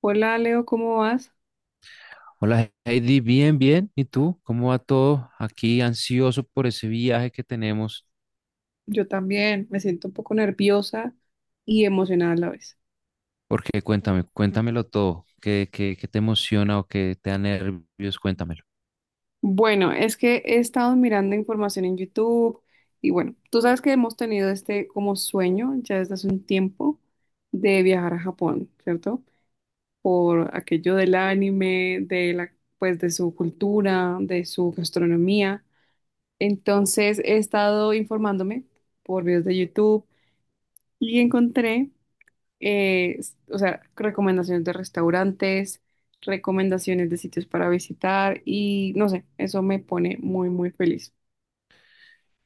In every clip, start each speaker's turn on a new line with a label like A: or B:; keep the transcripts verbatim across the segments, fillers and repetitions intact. A: Hola Leo, ¿cómo vas?
B: Hola Heidi, bien, bien. ¿Y tú? ¿Cómo va todo? Aquí ansioso por ese viaje que tenemos.
A: Yo también me siento un poco nerviosa y emocionada a la vez.
B: Porque cuéntame, cuéntamelo todo. ¿Qué, qué, qué te emociona o qué te da nervios? Cuéntamelo.
A: Bueno, es que he estado mirando información en YouTube y bueno, tú sabes que hemos tenido este como sueño ya desde hace un tiempo de viajar a Japón, ¿cierto? Por aquello del anime, de la, pues de su cultura, de su gastronomía. Entonces he estado informándome por videos de YouTube y encontré eh, s- o sea, recomendaciones de restaurantes, recomendaciones de sitios para visitar y no sé, eso me pone muy, muy feliz.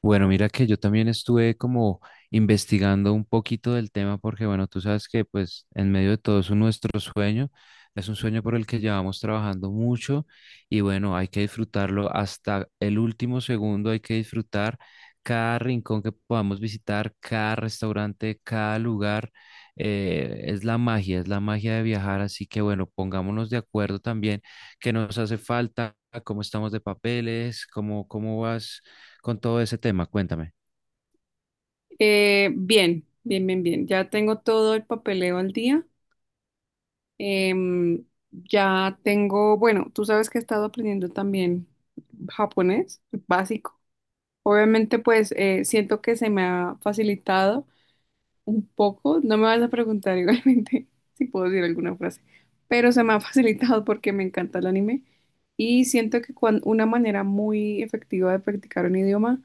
B: Bueno, mira que yo también estuve como investigando un poquito del tema porque, bueno, tú sabes que pues en medio de todo eso nuestro sueño es un sueño por el que llevamos trabajando mucho y bueno, hay que disfrutarlo hasta el último segundo, hay que disfrutar cada rincón que podamos visitar, cada restaurante, cada lugar. Eh, es la magia, es la magia de viajar, así que bueno, pongámonos de acuerdo también qué nos hace falta, cómo estamos de papeles, cómo, cómo vas con todo ese tema. Cuéntame.
A: Eh, bien, bien, bien, bien. Ya tengo todo el papeleo al día. Em, ya tengo, bueno, tú sabes que he estado aprendiendo también japonés básico. Obviamente, pues eh, siento que se me ha facilitado un poco. No me vas a preguntar igualmente si puedo decir alguna frase, pero se me ha facilitado porque me encanta el anime y siento que cuan- una manera muy efectiva de practicar un idioma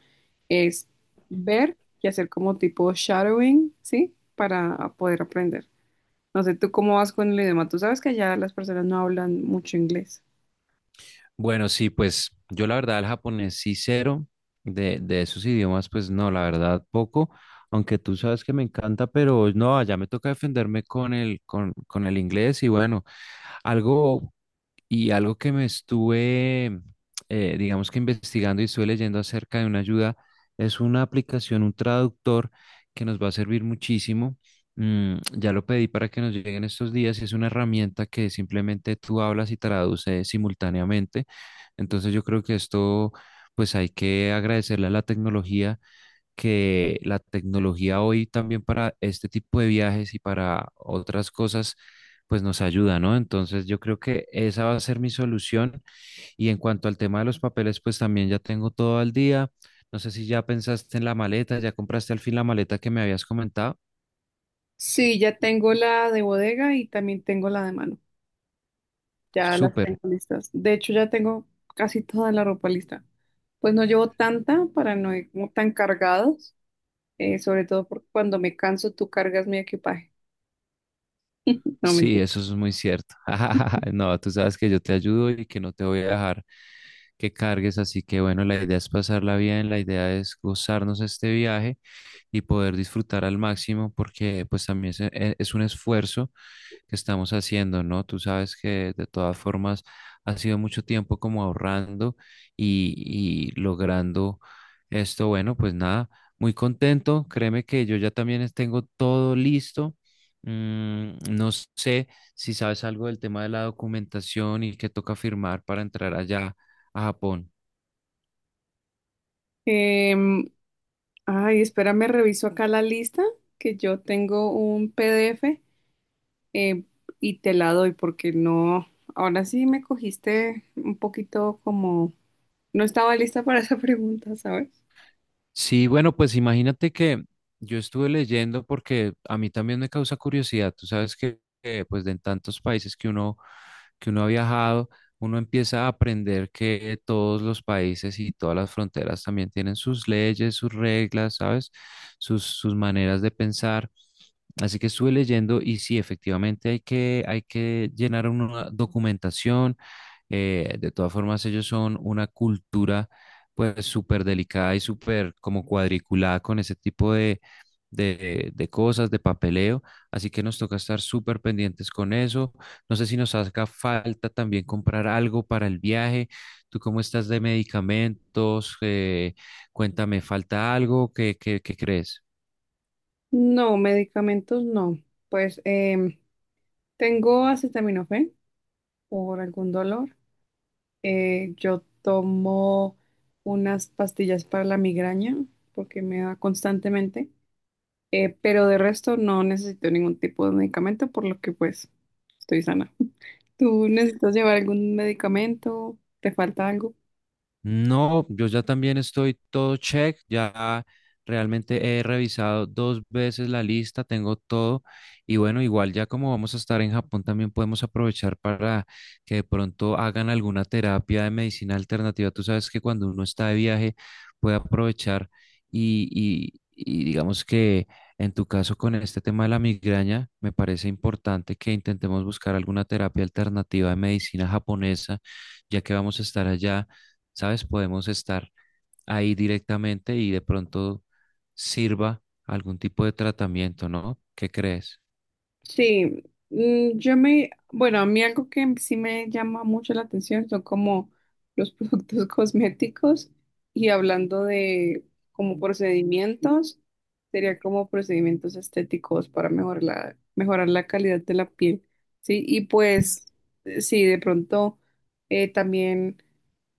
A: es ver y hacer como tipo shadowing, ¿sí? Para poder aprender. No sé, ¿tú cómo vas con el idioma? Tú sabes que allá las personas no hablan mucho inglés.
B: Bueno, sí, pues yo la verdad el japonés sí cero, de, de esos idiomas pues no, la verdad poco, aunque tú sabes que me encanta, pero no, ya me toca defenderme con el, con, con el inglés y bueno, algo. Y algo que me estuve, eh, digamos que investigando y estuve leyendo acerca de una ayuda, es una aplicación, un traductor que nos va a servir muchísimo. Mm, ya lo pedí para que nos lleguen estos días y es una herramienta que simplemente tú hablas y traduce simultáneamente. Entonces yo creo que esto, pues hay que agradecerle a la tecnología, que la tecnología hoy también para este tipo de viajes y para otras cosas, pues nos ayuda, ¿no? Entonces yo creo que esa va a ser mi solución. Y en cuanto al tema de los papeles, pues también ya tengo todo al día. No sé si ya pensaste en la maleta, ya compraste al fin la maleta que me habías comentado.
A: Sí, ya tengo la de bodega y también tengo la de mano. Ya las
B: Súper.
A: tengo listas. De hecho, ya tengo casi toda la ropa lista. Pues no llevo tanta para no ir como tan cargados, eh, sobre todo porque cuando me canso tú cargas mi equipaje. No,
B: Sí,
A: mentira.
B: eso es muy cierto. No, tú sabes que yo te ayudo y que no te voy a dejar que cargues, así que bueno, la idea es pasarla bien, la idea es gozarnos este viaje y poder disfrutar al máximo porque pues también se- e- es un esfuerzo que estamos haciendo, ¿no? Tú sabes que de todas formas ha sido mucho tiempo como ahorrando y, y logrando esto. Bueno, pues nada, muy contento. Créeme que yo ya también es- tengo todo listo. Mm, no sé si sabes algo del tema de la documentación y que toca firmar para entrar allá a Japón.
A: Em, Ay, espérame, reviso acá la lista, que yo tengo un P D F eh, y te la doy porque no, ahora sí me cogiste un poquito como, no estaba lista para esa pregunta, ¿sabes?
B: Sí, bueno, pues imagínate que yo estuve leyendo porque a mí también me causa curiosidad. Tú sabes que, eh, pues, de en tantos países que uno, que uno ha viajado, uno empieza a aprender que todos los países y todas las fronteras también tienen sus leyes, sus reglas, ¿sabes? Sus, sus maneras de pensar. Así que estuve leyendo y sí, efectivamente hay que, hay que llenar una documentación. Eh, de todas formas, ellos son una cultura pues súper delicada y súper como cuadriculada con ese tipo de, de, de cosas, de papeleo. Así que nos toca estar súper pendientes con eso. No sé si nos haga falta también comprar algo para el viaje. ¿Tú cómo estás de medicamentos? Eh, cuéntame, ¿falta algo? ¿Qué, qué, qué crees?
A: No, medicamentos no. Pues em, tengo acetaminofén por algún dolor. Eh, yo tomo unas pastillas para la migraña porque me da constantemente. Eh, pero de resto no necesito ningún tipo de medicamento, por lo que pues estoy sana. ¿Tú necesitas llevar algún medicamento? ¿Te falta algo?
B: No, yo ya también estoy todo check, ya realmente he revisado dos veces la lista, tengo todo y bueno, igual ya como vamos a estar en Japón también podemos aprovechar para que de pronto hagan alguna terapia de medicina alternativa. Tú sabes que cuando uno está de viaje puede aprovechar y, y y digamos que en tu caso con este tema de la migraña me parece importante que intentemos buscar alguna terapia alternativa de medicina japonesa ya que vamos a estar allá, ¿sabes? Podemos estar ahí directamente y de pronto sirva algún tipo de tratamiento, ¿no? ¿Qué crees?
A: Sí, mm, yo me, bueno, a mí algo que sí me llama mucho la atención son como los productos cosméticos y hablando de como procedimientos, sería como procedimientos estéticos para mejorar la, mejorar la calidad de la piel, ¿sí? Y pues, eh, sí, de pronto eh, también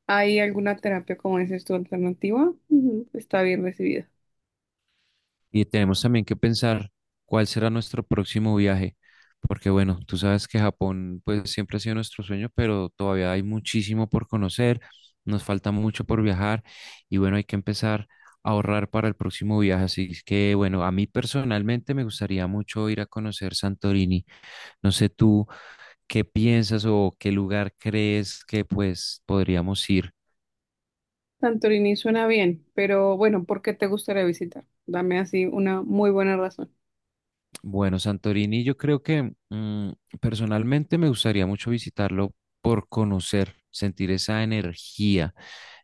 A: hay alguna terapia, como dices tú, alternativa, ujú, está bien recibida.
B: Y tenemos también que pensar cuál será nuestro próximo viaje, porque bueno, tú sabes que Japón pues siempre ha sido nuestro sueño, pero todavía hay muchísimo por conocer, nos falta mucho por viajar y bueno, hay que empezar a ahorrar para el próximo viaje, así es que bueno, a mí personalmente me gustaría mucho ir a conocer Santorini, no sé tú. ¿Qué piensas o qué lugar crees que pues podríamos ir?
A: Santorini suena bien, pero bueno, ¿por qué te gustaría visitar? Dame así una muy buena razón.
B: Bueno, Santorini, yo creo que mm, personalmente me gustaría mucho visitarlo por conocer, sentir esa energía,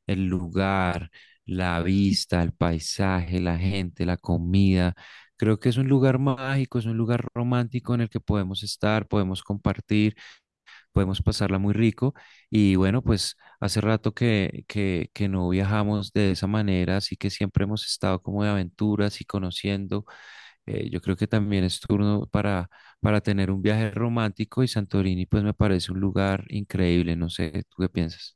B: el lugar, la vista, el paisaje, la gente, la comida. Creo que es un lugar mágico, es un lugar romántico en el que podemos estar, podemos compartir, podemos pasarla muy rico. Y bueno, pues hace rato que, que, que no viajamos de esa manera, así que siempre hemos estado como de aventuras y conociendo. Eh, yo creo que también es turno para, para tener un viaje romántico y Santorini pues me parece un lugar increíble, no sé, ¿tú qué piensas?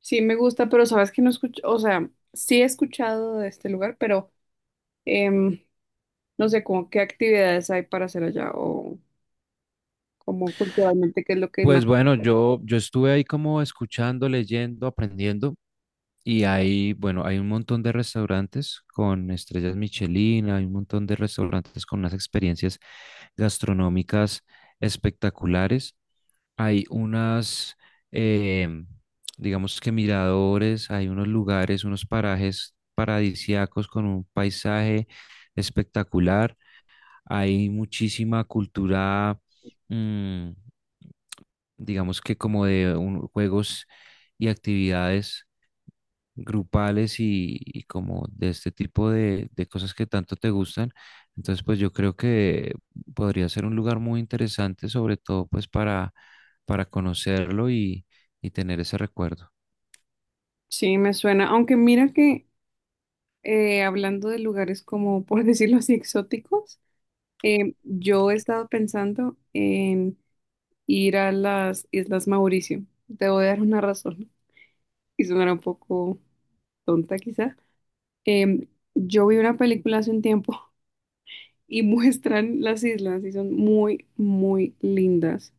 A: Sí, me gusta, pero sabes que no escucho, o sea, sí he escuchado de este lugar, pero em, no sé como qué actividades hay para hacer allá o como culturalmente qué es lo que más.
B: Pues bueno, yo, yo estuve ahí como escuchando, leyendo, aprendiendo. Y hay, bueno, hay un montón de restaurantes con estrellas Michelin, hay un montón de restaurantes con unas experiencias gastronómicas espectaculares. Hay unas, eh, digamos que miradores, hay unos lugares, unos parajes paradisíacos con un paisaje espectacular. Hay muchísima cultura, mm, digamos que como de un- juegos y actividades grupales y, y como de este tipo de, de cosas que tanto te gustan. Entonces, pues yo creo que podría ser un lugar muy interesante, sobre todo pues para, para conocerlo y, y tener ese recuerdo.
A: Sí, me suena, aunque mira que eh, hablando de lugares como, por decirlo así, exóticos, em, yo he estado pensando en ir a las Islas Mauricio. Te voy a dar una razón y sonará un poco tonta quizá. em, yo vi una película hace un tiempo y muestran las islas y son muy, muy lindas,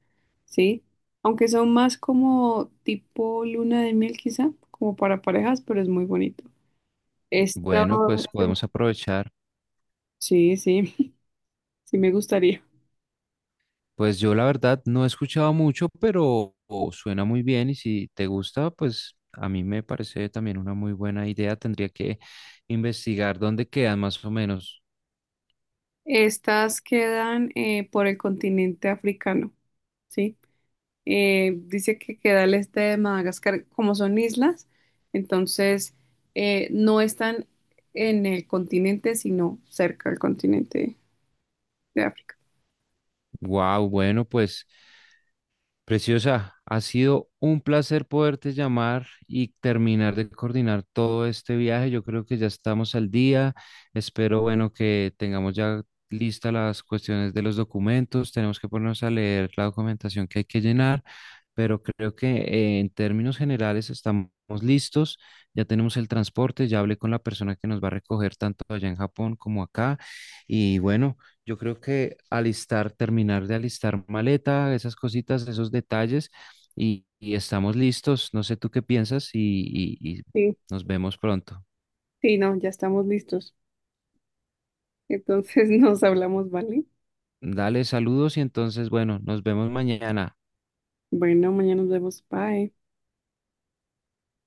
A: ¿sí? Aunque son más como tipo luna de miel quizá, como para parejas, pero es muy bonito. Esta,
B: Bueno, pues podemos aprovechar.
A: sí, sí, sí me gustaría.
B: Pues yo la verdad no he escuchado mucho, pero oh, suena muy bien y si te gusta, pues a mí me parece también una muy buena idea. Tendría que investigar dónde quedan más o menos.
A: Estas quedan eh, por el continente africano, ¿sí? Eh, dice que queda al este de Madagascar, como son islas, entonces eh, no están en el continente, sino cerca del continente de África.
B: Wow, bueno, pues... Preciosa, ha sido un placer poderte llamar y terminar de coordinar todo este viaje. Yo creo que ya estamos al día. Espero, bueno, que tengamos ya listas las cuestiones de los documentos. Tenemos que ponernos a leer la documentación que hay que llenar, pero creo que eh, en términos generales estamos listos. Ya tenemos el transporte, ya hablé con la persona que nos va a recoger tanto allá en Japón como acá. Y bueno, yo creo que alistar, terminar de alistar maleta, esas cositas, esos detalles, y, y estamos listos. No sé tú qué piensas y, y y
A: Sí,
B: nos vemos pronto.
A: sí, no, ya estamos listos. Entonces nos hablamos, ¿vale?
B: Dale saludos y entonces, bueno, nos vemos mañana.
A: Bueno, mañana nos vemos. Bye.